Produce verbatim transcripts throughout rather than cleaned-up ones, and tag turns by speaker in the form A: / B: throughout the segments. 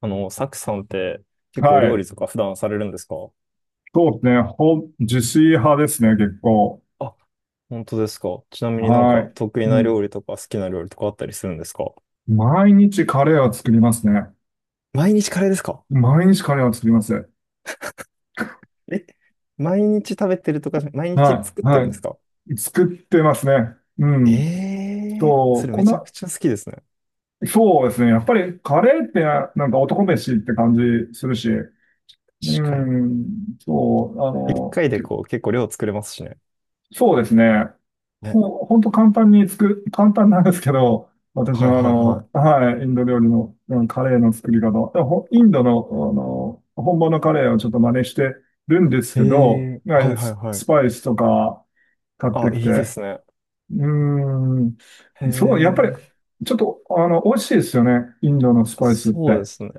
A: あの、サクさんって結構
B: は
A: 料
B: い。
A: 理とか普段されるんですか？
B: そうですね。ほん、自炊派ですね、結構。
A: あ、本当ですか。ちなみになん
B: は
A: か
B: い。
A: 得意
B: う
A: な
B: ん。
A: 料理とか好きな料理とかあったりするんですか？
B: 毎日カレーは作りますね。
A: 毎日カレーですか？
B: 毎日カレーは作ります。
A: え、毎日食べてるとかじゃ、毎日
B: は
A: 作っ
B: い。
A: て
B: は
A: るんですか？
B: い。作ってますね。う
A: え
B: ん。
A: えー、
B: そ
A: そ
B: う、
A: れ
B: こ
A: めちゃく
B: の、
A: ちゃ好きですね。
B: そうですね。やっぱりカレーってな、なんか男飯って感じするし。う
A: 確かに。
B: ん。そう、あ
A: 一
B: の、
A: 回でこう結構量作れますしね。
B: そうですね。
A: ね。
B: もう本当簡単に作る、簡単なんですけど、私
A: はい
B: はあ
A: はいは
B: の、はい、インド料理の、うんカレーの作り方、でほインドの、あの、本場のカレーをちょっと真似してるんです
A: い。
B: け
A: え
B: ど、
A: えー、
B: は
A: はい
B: い
A: はい
B: ス
A: はい。
B: スパイスとか買っ
A: あ、
B: てき
A: い
B: て、
A: いで
B: う
A: すね。
B: ーん、
A: へ
B: そう、やっぱり、
A: え、
B: ちょっと、あの、美味しいですよね、インドのスパイスって。
A: そうですね。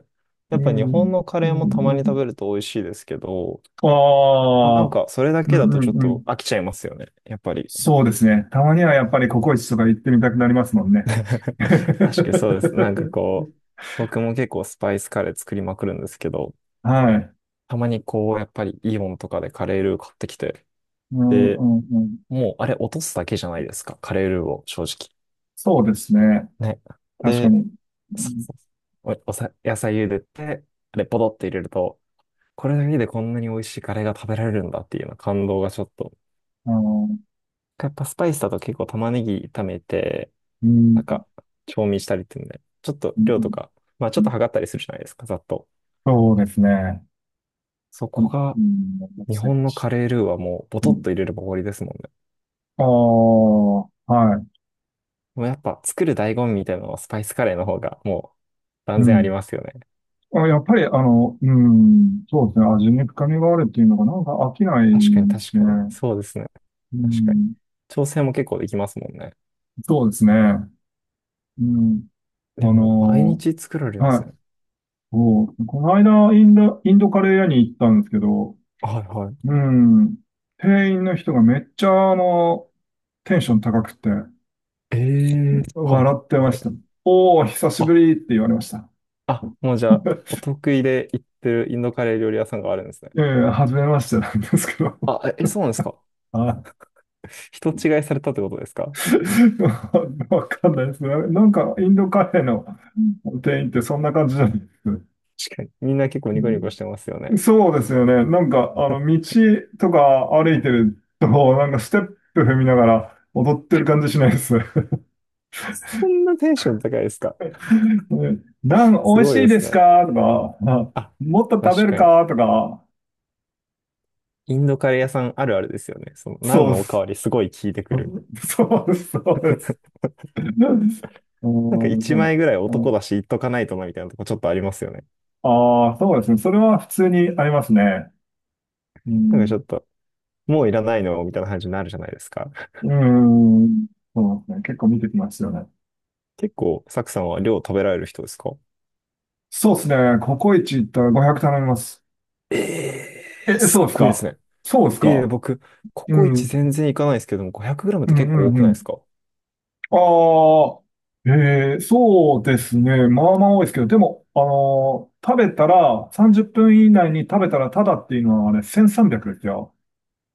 B: う
A: やっぱ日本
B: ん、
A: のカ
B: う
A: レ
B: ん、
A: ーもたまに
B: う
A: 食
B: ん。
A: べると美味しいですけど、
B: あ
A: まあ、なん
B: あ、
A: か、それだ
B: う
A: け
B: ん、
A: だと
B: う
A: ちょっ
B: ん、う
A: と
B: ん。
A: 飽きちゃいますよね。やっぱり。
B: そうですね。たまにはやっぱりココイチとか行ってみたくなりますもんね。
A: 確かにそうです。なんか こう、僕も結構スパイスカレー作りまくるんですけど、
B: はい。
A: たまにこう、やっぱりイオンとかでカレールー買ってきて、
B: うんう
A: で、
B: んうん。
A: もうあれ落とすだけじゃないですか。カレールーを、正直。
B: そうですね。
A: ね。
B: 確か
A: で、
B: に。う
A: そう
B: ん
A: そうそうお、おさ、野菜茹でて、あれポドって入れると、これだけでこんなに美味しいカレーが食べられるんだっていうような感動がちょっと。
B: あの、
A: やっぱスパイスだと結構玉ねぎ炒めて、
B: うん、
A: なんか、調味したりっていうので、ちょっと
B: うん、
A: 量とか、まあちょ
B: う
A: っと
B: ん。
A: 測ったりするじゃないですか、ざっと。
B: そうですね。
A: そ
B: う
A: こ
B: ん、
A: が、
B: うん
A: 日
B: 最
A: 本の
B: 近
A: カレールーはもう、ボトッ
B: う
A: と入れれば終わりですもんね。
B: ん。ああ、は
A: もうやっぱ、作る醍醐味みたいなのは、スパイスカレーの方が、もう、
B: い。
A: 断
B: う
A: 然あり
B: ん。
A: ますよね。
B: あ、やっぱり、あの、うん、そうですね。味に深みがあるっていうのが、なんか飽きない
A: 確かに
B: で
A: 確
B: すね。
A: かに。そうですね。
B: う
A: 確かに。
B: ん、
A: 調整も結構できますもんね。
B: そうですね。うん。あ
A: でも、毎
B: の、
A: 日作られるんで
B: は
A: すね。
B: い。そう、この間、インド、インドカレー屋に行ったんですけど、
A: はいはい。
B: うん。店員の人がめっちゃ、あの、テンション高くて、
A: ええ、はいは
B: 笑って
A: い
B: ま
A: はい。
B: した。おお、久し
A: あ、
B: ぶりって言われました。
A: あ、もうじゃあ、お 得意で行ってるインドカレー料理屋さんがあるんですね。
B: ええ、初めましてなんですけど。
A: あ、え、え、そうなんですか。
B: はい。
A: 人違いされたってことですか？
B: わかんないですね。なんか、インドカフェの店員ってそんな感じじゃないですか。
A: 確かに。みんな結構
B: う
A: ニコニコ
B: ん
A: してますよね。
B: そうですよね。なんか、あの、道とか歩いてると、なんかステップ踏みながら踊ってる感じしないです。
A: こんなテンション高いですか？
B: ナン
A: す
B: 美味
A: ごい
B: しい
A: で
B: で
A: す
B: す
A: ね。
B: かとか、あ
A: あ、
B: もっと食べ
A: 確
B: る
A: かに。
B: かとか、
A: インドカレー屋さんあるあるですよね。その、何
B: そうで
A: のおか
B: す。
A: わりすごい聞いてくる。
B: そうです、そうです。うん、そう
A: なんか一枚ぐらい
B: う
A: 男
B: ん
A: だし言っとかないとなみたいなとこちょっとありますよね。
B: ああ、そうですね。それは普通にありますね。う
A: なんかち
B: ん、
A: ょっと、もういらないのみたいな感じになるじゃないですか。
B: うん、そうですね。結構見てきますよね。
A: 結構、サクさんは量食べられる人ですか？
B: そうですね。ココイチ行ったらごひゃく頼みます。
A: ええー、
B: え、
A: す
B: そう
A: っ
B: です
A: ごいです
B: か
A: ね。
B: そうです
A: ええ、
B: か
A: 僕、コ
B: う
A: コイ
B: ん、う
A: チ
B: ん、
A: 全然いかないですけども、ごひゃくグラム っ
B: う
A: て結構多
B: ん、
A: く
B: う
A: ないで
B: ん。
A: すか？
B: ああ、えー、そうですね。まあまあ多いですけど、でも、あのー食べたら、さんじゅっぷん以内に食べたらタダっていうのはあれ、せんさんびゃくですよ。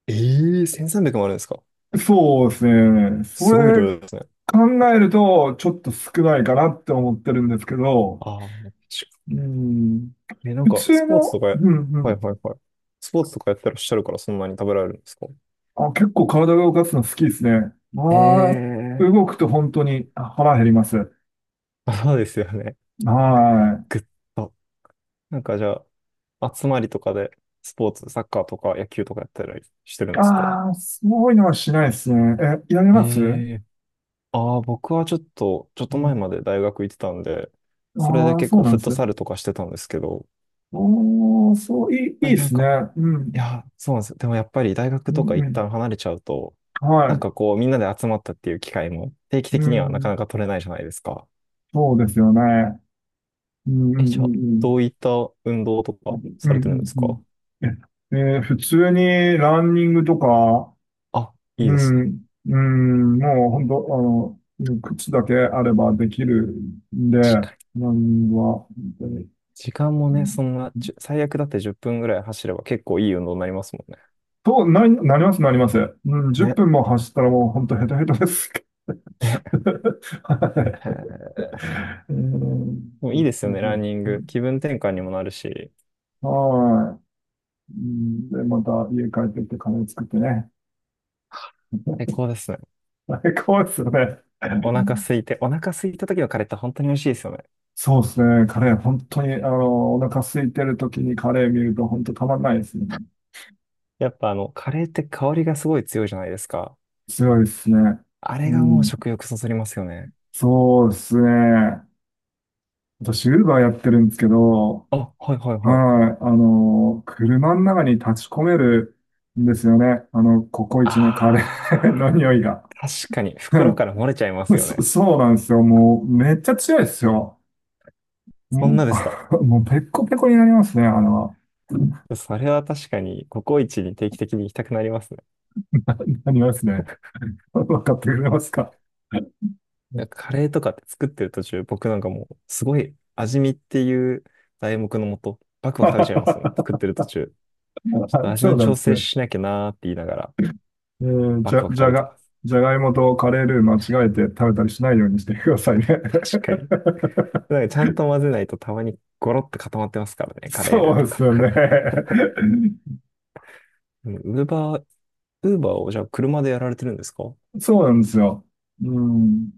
A: ええー、せんさんびゃくもあるんですか？
B: そうですね。そ
A: すごい
B: れ
A: 量ですね。
B: 考えると、ちょっと少ないかなって思ってるんですけど、
A: ああ、確
B: う
A: か
B: ん、
A: に。え、なん
B: 普
A: か、ス
B: 通
A: ポーツと
B: の、
A: かや、
B: うんう
A: はい
B: ん、
A: はいはい。スポーツとかやってらっしゃるからそんなに食べられるんですか？
B: あ、結構体が動かすの好きですね。まあ、
A: ええ
B: 動くと本当にあ腹減ります。
A: ー、そうですよね。
B: はい。
A: ぐっと。なんかじゃあ、集まりとかで、スポーツ、サッカーとか野球とかやったりしてるんですか？
B: ああ、そういうのはしないですね。え、やり
A: え
B: ますう
A: え、ああ、僕はちょっと、ちょっと前ま
B: ん
A: で大学行ってたんで、それで
B: ああ、
A: 結
B: そう
A: 構
B: なん
A: フッ
B: で
A: ト
B: すね。
A: サルとかしてたんですけど、やっ
B: ああ、そう、いい、いい
A: ぱり
B: で
A: なん
B: すね。
A: か、
B: う
A: い
B: ん。
A: や、そうなんですよ。でもやっぱり大
B: う
A: 学とか
B: ん、う
A: 一
B: ん。
A: 旦離れちゃうと、なん
B: は
A: かこうみんなで集まったっていう機会も定期
B: い。う
A: 的にはなか
B: ん。
A: なか取れないじゃないですか。
B: そうですよね。うん、うん、う
A: え、じゃあ、
B: ん、
A: どういった運動と
B: う
A: か
B: ん。う
A: さ
B: ん、
A: れてるんです
B: う
A: か？
B: ん、うん。え、えー普通にランニングとか、
A: あ、いい
B: う
A: ですね。
B: ん、うん、もう本当、あの、うん靴だけあればできるんで、ラン
A: 確かに。
B: ニングは、本当に。
A: 時間も
B: う
A: ね、
B: ん
A: そんな、じゅ最悪だってじゅっぷんぐらい走れば結構いい運動になりますもんね。
B: と、なり、なります、なります。うん、10
A: ね。
B: 分も走ったらもう本当ヘトヘトです。はい
A: ね。へー で
B: えー、
A: もいい
B: で
A: で
B: す
A: すよね、ランニン
B: ね。
A: グ。気分転換にもなるし、
B: はい。うん、で、また家帰ってきてカレー作ってね。
A: 最高ですね。
B: 最高ですよね。
A: お腹空いて、お腹空いた時のカレーって本当に美味しいですよね。
B: そうですね。カレー、本当に、あの、お腹空いてる時にカレー見ると本当たまんないですね。
A: やっぱあの、カレーって香りがすごい強いじゃないですか。
B: 強いですね。
A: あれ
B: う
A: がもう
B: ん。
A: 食欲そそりますよね。
B: そうですね。私、ウーバーやってるんですけど、
A: あ、はいはいはい。
B: はい。あの、車の中に立ち込めるんですよね。あの、ココイチのカレーの
A: あ
B: 匂いが。
A: ー、確かに袋か ら漏れちゃいます よ
B: そ、
A: ね。
B: そうなんですよ。もう、めっちゃ強いですよ。
A: そんな
B: ん
A: ですか。
B: もう、ペッコペコになりますね、あの、
A: それは確かにココイチに定期的に行きたくなりますね。
B: なりますね。わかってくれますか
A: なんかカレーとかって作ってる途中、僕なんかもうすごい味見っていう題目のもと、バクバク食べちゃいますもん。作っ てる途中。ちょっと味
B: そう
A: の
B: なん
A: 調
B: です
A: 整
B: ね。
A: しなきゃなーって言いながら、
B: えー
A: バ
B: じ
A: ク
B: ゃ、
A: バク
B: じ
A: 食
B: ゃ
A: べて
B: が、
A: ます。
B: じゃがいもとカレールー間違えて食べたりしないようにしてくださいね。
A: 確かに。なんか ちゃんと混ぜないとたまにゴロッと固まってますからね、カレー
B: そ
A: ル
B: う
A: ー
B: で
A: と
B: す
A: か。
B: よね。
A: ウーバー、ウーバーをじゃあ車でやられてるんですか？
B: そうなんですよ。うん。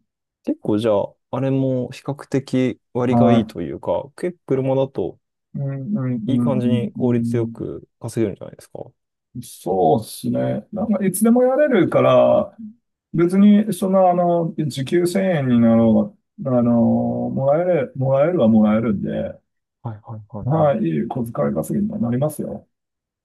A: 結構じゃあ、あれも比較的割がいい
B: は
A: というか、結構車だと
B: い。うん、うん、う
A: い
B: ん、
A: い感じ
B: うん。
A: に
B: う
A: 効率よ
B: ん
A: く稼げるんじゃないですか？は
B: そうですね。なんか、いつでもやれるから、別に、その、あの、時給せんえんになろうが、あの、もらえる、もらえるはもらえるんで、
A: いはいはいは
B: ま
A: い。
B: い、いい小遣い稼ぎにはなりますよ。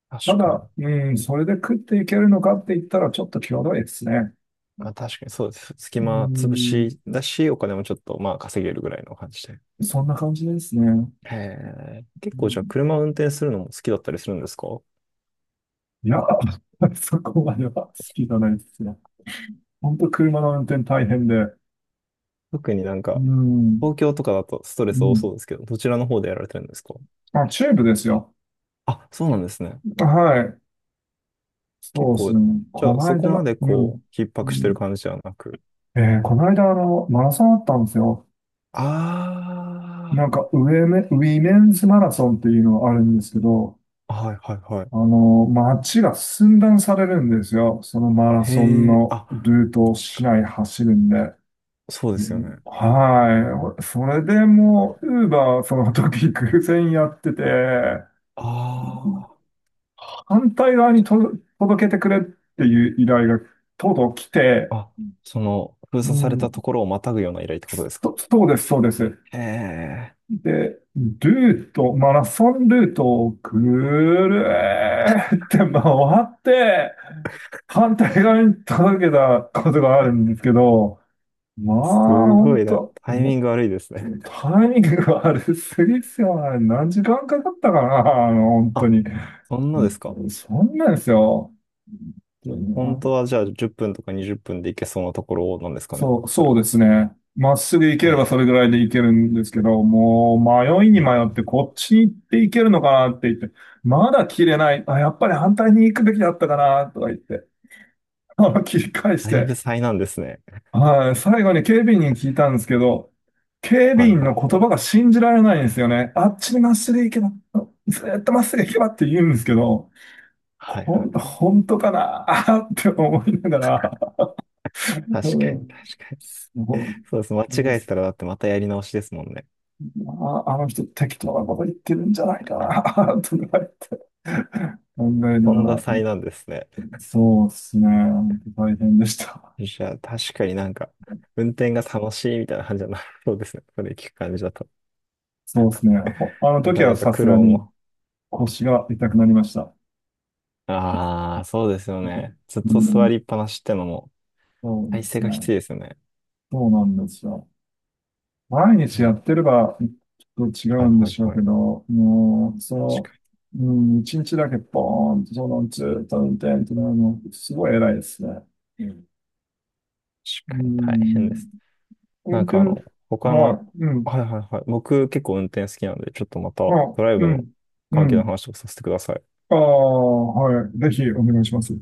A: 確
B: た
A: かに。
B: だ、うん、それで食っていけるのかって言ったら、ちょっと際どいですね。
A: あ、確かにそうです。隙
B: う
A: 間潰
B: ん、
A: しだし、お金もちょっとまあ稼げるぐらいの感じで。
B: そんな感じですね。
A: へえ。結
B: う
A: 構じゃあ
B: ん
A: 車運転するのも好きだったりするんですか？
B: いや、そこまでは好きじゃないですね。本当車の運転大変で。
A: 特になん
B: う
A: か、
B: ん、
A: 東京とかだとスト
B: う
A: レス多
B: ん。
A: そうですけど、どちらの方でやられてるんですか？
B: あ、チューブですよ。
A: あ、そうなんですね。
B: はい。
A: 結
B: そうです
A: 構、
B: ね。
A: じ
B: こ
A: ゃあ
B: の
A: そこ
B: 間、
A: まで
B: うん。
A: こう、逼
B: う
A: 迫してる
B: ん
A: 感じじゃなく。
B: えーこの間、あの、マラソンあったんですよ。
A: あ
B: なんか、ウェメ、ウィメンズマラソンっていうのがあるんですけど、
A: あ、はいはいはい。
B: あの、街が寸断されるんですよ。そのマラ
A: へ
B: ソン
A: え、
B: の
A: あ、
B: ルートを
A: 確
B: 市
A: かに。
B: 内走るんで。
A: そうで
B: う
A: すよ
B: ん
A: ね。
B: はい。それでもう、ウーバーその時偶然やってて、
A: あ
B: 反対側にと届けてくれっていう依頼がとうとう来て、
A: あ、あ、その、封
B: う
A: 鎖されたと
B: ん、
A: ころをまたぐような依頼ってことです
B: と
A: か？
B: そうです、そうです。
A: へえ、
B: で、ルート、マラソンルートをぐるーって回って、反対側に届けたことがあるんですけど、まあ、
A: す
B: ほ
A: ご
B: ん
A: いね。
B: と、
A: タイミ
B: も
A: ング悪いですね。
B: タイミングが悪すぎっすよね。何時間かかったかな、あの、本当に。
A: あ、そんなですか。
B: そんなんですよ。
A: 本当はじゃあじゅっぷんとかにじゅっぷんで行けそうなところなんですかね。
B: そう、
A: それ
B: そうで
A: は。
B: すね。まっすぐ行け
A: へ
B: ればそれぐ
A: え、
B: らいで行けるんですけど、もう迷いに迷ってこっちに行って行けるのかなって言って、まだ切れない。あ、やっぱり反対に行くべきだったかなとか言って、あの切り返し
A: だい
B: て、
A: ぶ災難ですね。
B: はい、最後に警備員に聞いたんですけど、警備
A: はい
B: 員
A: は
B: の
A: い
B: 言
A: は
B: 葉が
A: い。
B: 信じられないんですよね。あっちにまっすぐ行けば、ずーっとまっすぐ行けばって言うんですけど、
A: はいは
B: ほ
A: い
B: ん、
A: はい。
B: 本当かな って思いながら、
A: 確かに確かに。
B: うん、も
A: そうです。間
B: う
A: 違えてたらだってまたやり直しですもんね。
B: ああ、あの人適当なこと言ってるんじゃないかな とか言って考えな
A: と
B: が
A: んだ
B: ら、
A: 災難ですね。
B: そうですね。本当大変でした。
A: じゃあ確かになんか、運転が楽しいみたいな感じじゃなさ そうですね。それ聞く感じだと。
B: そうですね。ほあの
A: な
B: 時
A: か
B: は
A: なか
B: さす
A: 苦
B: が
A: 労
B: に
A: も。
B: 腰が痛くなりました。
A: ああ、そうですよね。ずっ
B: う
A: と座
B: ん、
A: りっぱなしってのも、
B: そう
A: 体
B: で
A: 勢
B: す
A: が
B: ね。
A: きついですよね。
B: そうなんですよ。毎
A: う
B: 日や
A: ん、
B: ってればちょっと違
A: は
B: う
A: い
B: んで
A: はい
B: しょう
A: は
B: け
A: い。
B: ど、もう、そ
A: 確
B: の、
A: かに、
B: うん、一日だけポーンと、その、ずっと運転ってなるの、すごい偉いですね。うん。う
A: 確かに大変で
B: ん
A: す。なん
B: 本当
A: かあ
B: に
A: の、他
B: は
A: の、
B: い。うん。
A: はいはいはい。僕結構運転好きなんで、ちょっとまたド
B: あ、
A: ライ
B: う
A: ブの
B: ん。う
A: 関係の
B: ん。
A: 話をさせてください。
B: ああ、はい。ぜひお願いします。